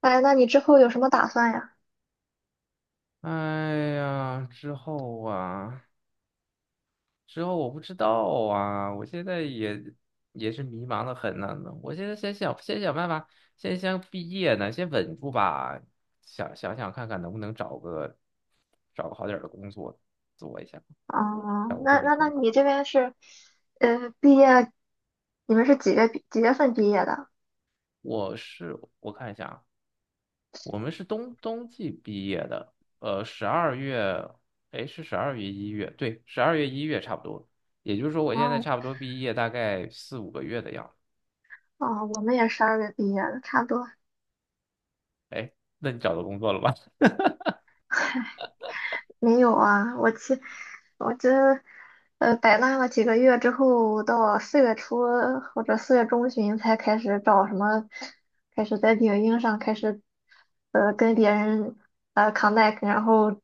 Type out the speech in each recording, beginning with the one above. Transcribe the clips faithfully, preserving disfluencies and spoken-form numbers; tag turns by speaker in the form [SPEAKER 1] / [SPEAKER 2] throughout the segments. [SPEAKER 1] 哎，那你之后有什么打算呀？
[SPEAKER 2] 哎呀，之后啊，之后我不知道啊，我现在也也是迷茫的很呢。我现在先想，先想办法，先先毕业呢，先稳住吧。想想想看看能不能找个找个好点儿的工作做一下，
[SPEAKER 1] 啊。
[SPEAKER 2] 找个正
[SPEAKER 1] 那
[SPEAKER 2] 经
[SPEAKER 1] 那那
[SPEAKER 2] 工作。
[SPEAKER 1] 你这边是，呃，毕业，你们是几月毕几月份毕业的？
[SPEAKER 2] 我是我看一下啊。我们是冬冬季毕业的，呃，十二月，哎，是十二月一月，对，十二月一月差不多。也就是说，我现在
[SPEAKER 1] 哦，
[SPEAKER 2] 差不多毕业大概四五个月的样子。
[SPEAKER 1] 哦，我们也十二月毕业的，差不多。
[SPEAKER 2] 哎，那你找到工作了吗？
[SPEAKER 1] 没有啊，我去，我这呃摆烂了几个月之后，到四月初或者四月中旬才开始找什么，开始在领英上开始呃跟别人呃 connect，然后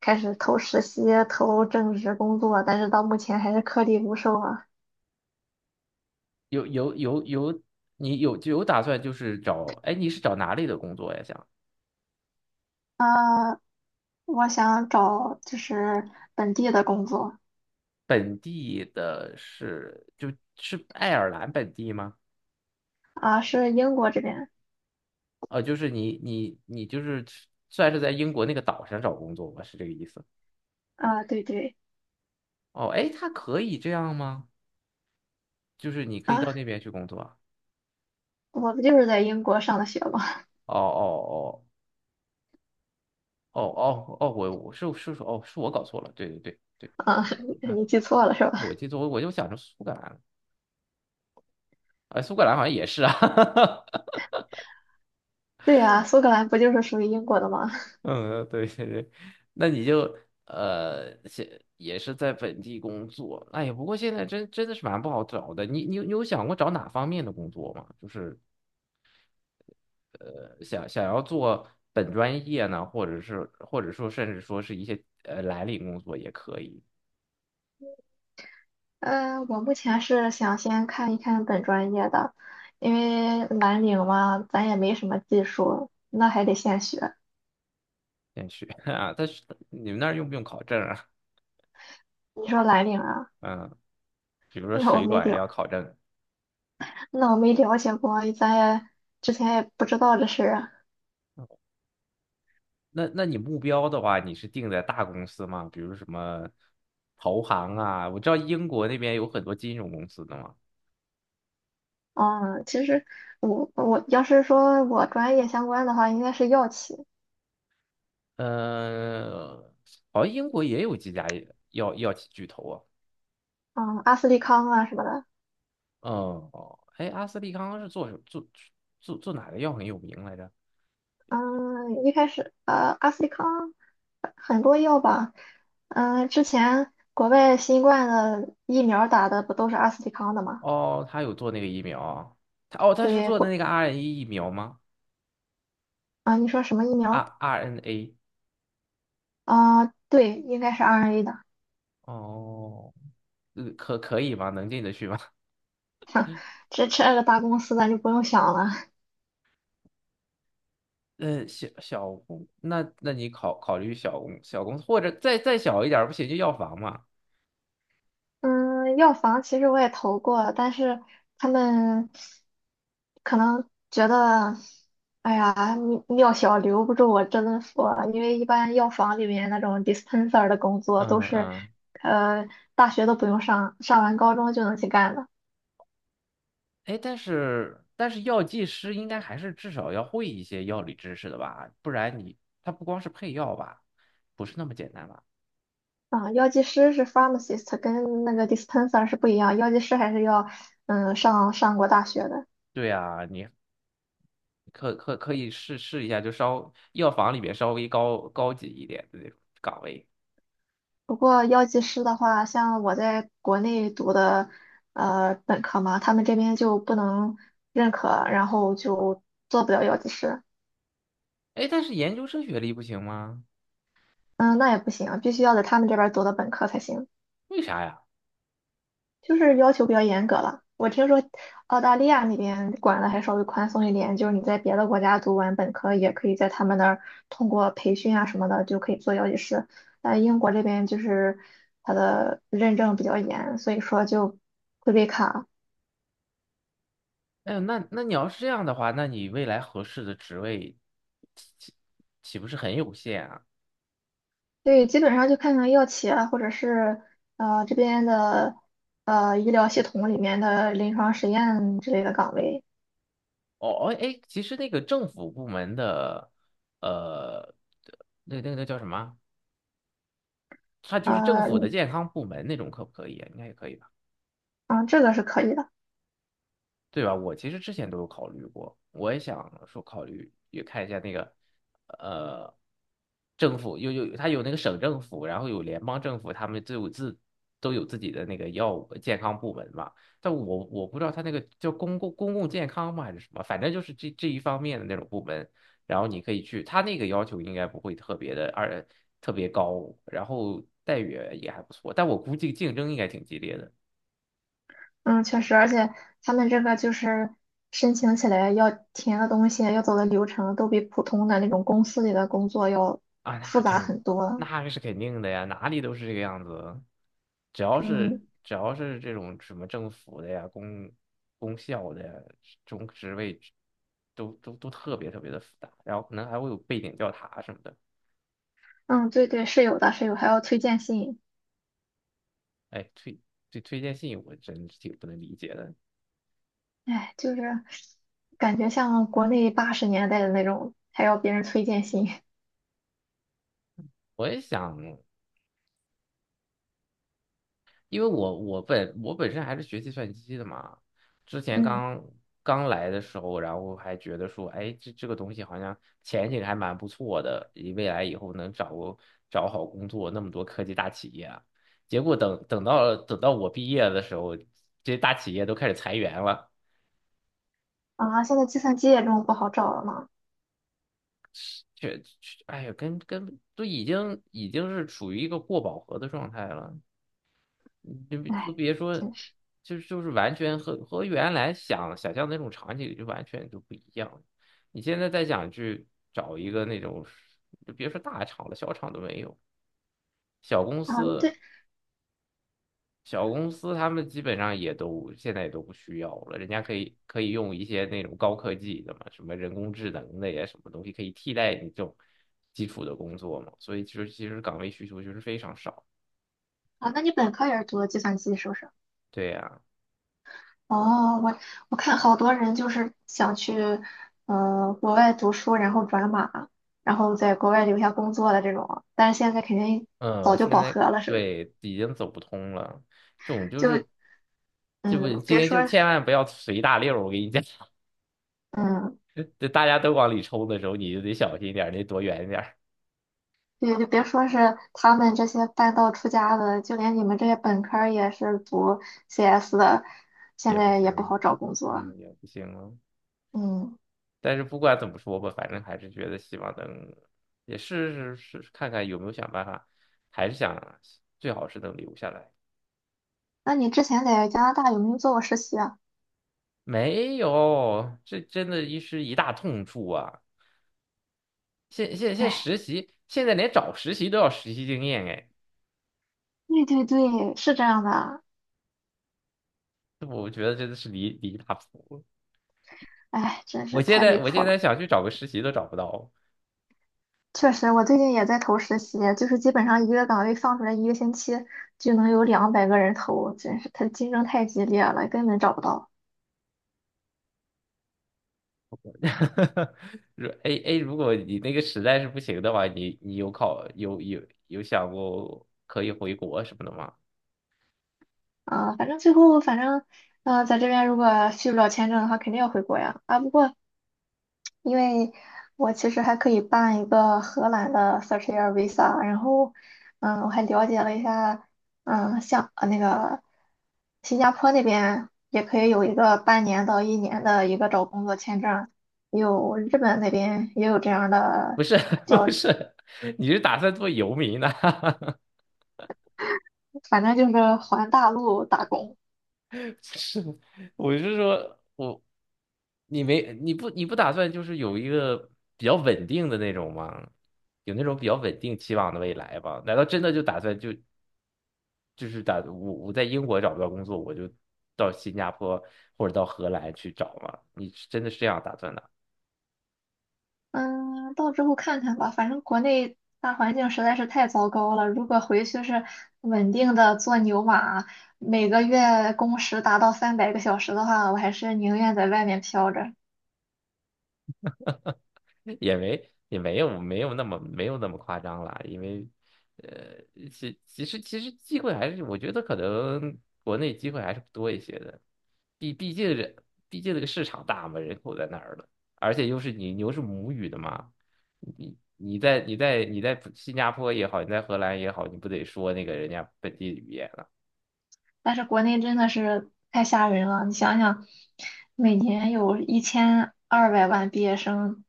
[SPEAKER 1] 开始投实习、投正职工作，但是到目前还是颗粒无收啊。
[SPEAKER 2] 有有有有，你有就有打算就是找，哎，你是找哪里的工作呀？想
[SPEAKER 1] 啊。我想找就是本地的工作
[SPEAKER 2] 本地的是就是爱尔兰本地吗？
[SPEAKER 1] 啊，是英国这边
[SPEAKER 2] 呃，就是你你你就是算是在英国那个岛上找工作吧，是这个意思？
[SPEAKER 1] 啊，对对
[SPEAKER 2] 哦，哎，他可以这样吗？就是你可以
[SPEAKER 1] 啊，
[SPEAKER 2] 到那边去工作啊。
[SPEAKER 1] 我不就是在英国上的学吗？
[SPEAKER 2] 哦哦哦哦哦哦，我我是是说哦，是我搞错了，对对对
[SPEAKER 1] 啊，
[SPEAKER 2] 对，嗯，
[SPEAKER 1] 你记错了是吧？
[SPEAKER 2] 我记错，我我就想着苏格兰了，啊，苏格兰好像也是啊，
[SPEAKER 1] 对呀，苏格兰不就是属于英国的吗？
[SPEAKER 2] 嗯，对对对，那你就呃，现也是在本地工作，哎呀，不过现在真真的是蛮不好找的，你你有你有想过找哪方面的工作吗？就是呃，想想要做本专业呢，或者是或者说甚至说是一些呃蓝领工作也可以。
[SPEAKER 1] 嗯，我目前是想先看一看本专业的，因为蓝领嘛，咱也没什么技术，那还得现学。
[SPEAKER 2] 先去 啊。但是你们那儿用不用考证啊？
[SPEAKER 1] 你说蓝领啊，
[SPEAKER 2] 嗯，比如 说
[SPEAKER 1] 那我
[SPEAKER 2] 水
[SPEAKER 1] 没
[SPEAKER 2] 管
[SPEAKER 1] 了，
[SPEAKER 2] 要考证，
[SPEAKER 1] 那我没了解过，咱也之前也不知道这事儿啊。
[SPEAKER 2] 那那你目标的话，你是定在大公司吗？比如什么投行啊？我知道英国那边有很多金融公司的嘛。
[SPEAKER 1] 嗯，其实我我要是说我专业相关的话，应该是药企。
[SPEAKER 2] 呃，好像英国也有几家药药企巨头啊。
[SPEAKER 1] 嗯，阿斯利康啊什么的。
[SPEAKER 2] 嗯，哦，哎，阿斯利康是做什做做做哪个药很有名来着？
[SPEAKER 1] 嗯，一开始呃，阿斯利康呃很多药吧。嗯，之前国外新冠的疫苗打的不都是阿斯利康的吗？
[SPEAKER 2] 哦，他有做那个疫苗啊，他哦他是
[SPEAKER 1] 对，
[SPEAKER 2] 做的
[SPEAKER 1] 国
[SPEAKER 2] 那个 R N A 疫苗吗？
[SPEAKER 1] 啊，你说什么疫
[SPEAKER 2] 啊
[SPEAKER 1] 苗？
[SPEAKER 2] ？R R N A。
[SPEAKER 1] 啊，对，应该是 R N A 的，
[SPEAKER 2] 哦。呃，可可以吗？能进得去吗？
[SPEAKER 1] 这这个大公司咱就不用想了。
[SPEAKER 2] 呃，小小公，那那你考考虑小公小公司，或者再再小一点儿，不行就药房嘛。
[SPEAKER 1] 嗯，药房其实我也投过，但是他们可能觉得，哎呀，你药小留不住我真佛，因为一般药房里面那种 dispenser 的工作都
[SPEAKER 2] 嗯
[SPEAKER 1] 是，
[SPEAKER 2] 嗯，
[SPEAKER 1] 呃，大学都不用上，上完高中就能去干的。
[SPEAKER 2] 哎，但是但是药剂师应该还是至少要会一些药理知识的吧？不然你他不光是配药吧，不是那么简单吧？
[SPEAKER 1] 啊，药剂师是 pharmacist，跟那个 dispenser 是不一样，药剂师还是要，嗯，上上过大学的。
[SPEAKER 2] 对呀，你可可可以试试一下，就稍药房里面稍微高高级一点的那种岗位。
[SPEAKER 1] 不过药剂师的话，像我在国内读的呃本科嘛，他们这边就不能认可，然后就做不了药剂师。
[SPEAKER 2] 哎，但是研究生学历不行吗？
[SPEAKER 1] 嗯，那也不行，必须要在他们这边读的本科才行，
[SPEAKER 2] 为啥呀？
[SPEAKER 1] 就是要求比较严格了。我听说澳大利亚那边管的还稍微宽松一点，就是你在别的国家读完本科，也可以在他们那儿通过培训啊什么的就可以做药剂师。但英国这边就是它的认证比较严，所以说就会被卡。
[SPEAKER 2] 哎呦那那你要是这样的话，那你未来合适的职位岂岂岂不是很有限啊？
[SPEAKER 1] 对，基本上就看看药企啊，或者是呃这边的呃医疗系统里面的临床实验之类的岗位。
[SPEAKER 2] 哦哦，哎，其实那个政府部门的，呃，那那个那叫什么？它就
[SPEAKER 1] 呃
[SPEAKER 2] 是政府的
[SPEAKER 1] 嗯，
[SPEAKER 2] 健康部门那种，可不可以啊？应该也可以吧。
[SPEAKER 1] 啊这个是可以的。
[SPEAKER 2] 对吧？我其实之前都有考虑过，我也想说考虑也看一下那个，呃，政府有有它有那个省政府，然后有联邦政府，他们都有自都有自己的那个药物健康部门嘛。但我我不知道他那个叫公共公共健康吗还是什么，反正就是这这一方面的那种部门。然后你可以去，他那个要求应该不会特别的二特别高，然后待遇也还不错，但我估计竞争应该挺激烈的。
[SPEAKER 1] 嗯，确实，而且他们这个就是申请起来要填的东西，要走的流程都比普通的那种公司里的工作要
[SPEAKER 2] 啊，那
[SPEAKER 1] 复杂
[SPEAKER 2] 肯
[SPEAKER 1] 很多。
[SPEAKER 2] 那是肯定的呀，哪里都是这个样子。只要是
[SPEAKER 1] 嗯
[SPEAKER 2] 只要是这种什么政府的呀、公公校的呀，这种职位都都都特别特别的复杂，然后可能还会有背景调查什么的。
[SPEAKER 1] 嗯，对对，是有的，是有，还要推荐信。
[SPEAKER 2] 哎，推对推荐信我真是挺不能理解的。
[SPEAKER 1] 哎，就是感觉像国内八十年代的那种，还要别人推荐信，
[SPEAKER 2] 我也想，因为我我本我本身还是学计算机的嘛，之 前
[SPEAKER 1] 嗯。
[SPEAKER 2] 刚刚来的时候，然后还觉得说，哎，这这个东西好像前景还蛮不错的，以未来以后能找个找好工作，那么多科技大企业啊，结果等等到等到我毕业的时候，这些大企业都开始裁员了，
[SPEAKER 1] 啊，现在计算机也这么不好找了吗？
[SPEAKER 2] 却确哎呀，跟跟都已经已经是处于一个过饱和的状态了。你就就
[SPEAKER 1] 哎，
[SPEAKER 2] 别说，
[SPEAKER 1] 真是
[SPEAKER 2] 就就是完全和和原来想想象的那种场景就完全就不一样。你现在再想去找一个那种，就别说大厂了，小厂都没有，小公
[SPEAKER 1] 啊，
[SPEAKER 2] 司
[SPEAKER 1] 对
[SPEAKER 2] 小公司他们基本上也都现在也都不需要了，人家可以可以用一些那种高科技的嘛，什么人工智能的呀，什么东西可以替代你这种基础的工作嘛，所以其实其实岗位需求就是非常少。
[SPEAKER 1] 啊，那你本科也是读的计算机是不是？
[SPEAKER 2] 对呀、
[SPEAKER 1] 哦，我我看好多人就是想去呃国外读书，然后转码，然后在国外留下工作的这种，但是现在肯定
[SPEAKER 2] 嗯，
[SPEAKER 1] 早就
[SPEAKER 2] 现
[SPEAKER 1] 饱
[SPEAKER 2] 在
[SPEAKER 1] 和了，是不是
[SPEAKER 2] 对已经走不通了，这种就
[SPEAKER 1] 就
[SPEAKER 2] 是这不
[SPEAKER 1] 嗯，
[SPEAKER 2] 今
[SPEAKER 1] 别
[SPEAKER 2] 天就
[SPEAKER 1] 说
[SPEAKER 2] 千万不要随大溜儿，我跟你讲，
[SPEAKER 1] 嗯，
[SPEAKER 2] 这大家都往里冲的时候，你就得小心点儿，你躲远点儿
[SPEAKER 1] 对，就别说是他们这些半道出家的，就连你们这些本科儿也是读 C S 的，现
[SPEAKER 2] 也不
[SPEAKER 1] 在也不
[SPEAKER 2] 行，
[SPEAKER 1] 好找工作。
[SPEAKER 2] 嗯，也不行了。
[SPEAKER 1] 嗯。
[SPEAKER 2] 但是不管怎么说吧，反正还是觉得希望能也试试试看看有没有想办法，还是想最好是能留下来。
[SPEAKER 1] 那你之前在加拿大有没有做过实习啊？
[SPEAKER 2] 没有，这真的一是一大痛处啊！现现现
[SPEAKER 1] 哎，
[SPEAKER 2] 实习，现在连找实习都要实习经验哎。
[SPEAKER 1] 对对对，是这样的。
[SPEAKER 2] 我觉得真的是离离大谱了。
[SPEAKER 1] 哎，真
[SPEAKER 2] 我
[SPEAKER 1] 是
[SPEAKER 2] 现
[SPEAKER 1] 太离
[SPEAKER 2] 在我
[SPEAKER 1] 谱
[SPEAKER 2] 现
[SPEAKER 1] 了。
[SPEAKER 2] 在想去找个实习都找不到。
[SPEAKER 1] 确实，我最近也在投实习，就是基本上一个岗位放出来一个星期就能有两百个人投，真是它竞争太激烈了，根本找不到。
[SPEAKER 2] 哈如 A A，如果你那个实在是不行的话，你你有考有有有想过可以回国什么的吗？
[SPEAKER 1] 啊。反正最后反正，呃，在这边如果续不了签证的话，肯定要回国呀。啊，不过因为我其实还可以办一个荷兰的 Search Air Visa，然后，嗯，我还了解了一下。嗯，像呃那个新加坡那边也可以有一个半年到一年的一个找工作签证，也有日本那边也有这样
[SPEAKER 2] 不
[SPEAKER 1] 的，
[SPEAKER 2] 是 不是，你是打算做游民呢、
[SPEAKER 1] 反正就是环大陆打工。
[SPEAKER 2] 是，我是说我你没你不你不打算就是有一个比较稳定的那种吗？有那种比较稳定期望的未来吧？难道真的就打算就？就是打我我在英国找不到工作，我就到新加坡或者到荷兰去找嘛。你是真的是这样打算的？
[SPEAKER 1] 嗯，到之后看看吧，反正国内大环境实在是太糟糕了。如果回去是稳定的做牛马，每个月工时达到三百个小时的话，我还是宁愿在外面飘着。
[SPEAKER 2] 也没也没有没有那么没有那么夸张啦，因为呃，其其实其实机会还是我觉得可能国内机会还是多一些的，毕毕竟人毕竟这个市场大嘛，人口在那儿了，而且又是你你又是母语的嘛，你。你在你在你在新加坡也好，你在荷兰也好，你不得说那个人家本地语言？
[SPEAKER 1] 但是国内真的是太吓人了，你想想，每年有一千二百万毕业生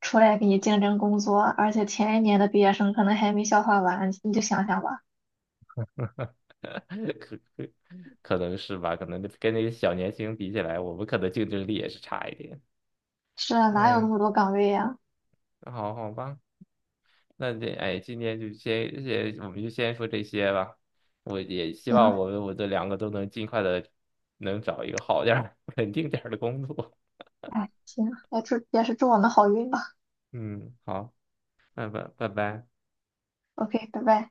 [SPEAKER 1] 出来给你竞争工作，而且前一年的毕业生可能还没消化完，你就想想吧。
[SPEAKER 2] 可可可能是吧，可能跟那些小年轻比起来，我们可能竞争力也是差一点。
[SPEAKER 1] 是啊，哪有那
[SPEAKER 2] 哎，
[SPEAKER 1] 么多岗位呀？
[SPEAKER 2] 好好吧，那这哎，今天就先先，我们就先说这些吧。我也希望
[SPEAKER 1] 行，
[SPEAKER 2] 我们我这两个都能尽快的能找一个好点儿、稳定点儿的工作。
[SPEAKER 1] 哎，行，也祝也是祝我们好运吧。
[SPEAKER 2] 嗯，好，拜拜，拜拜。
[SPEAKER 1] OK，拜拜。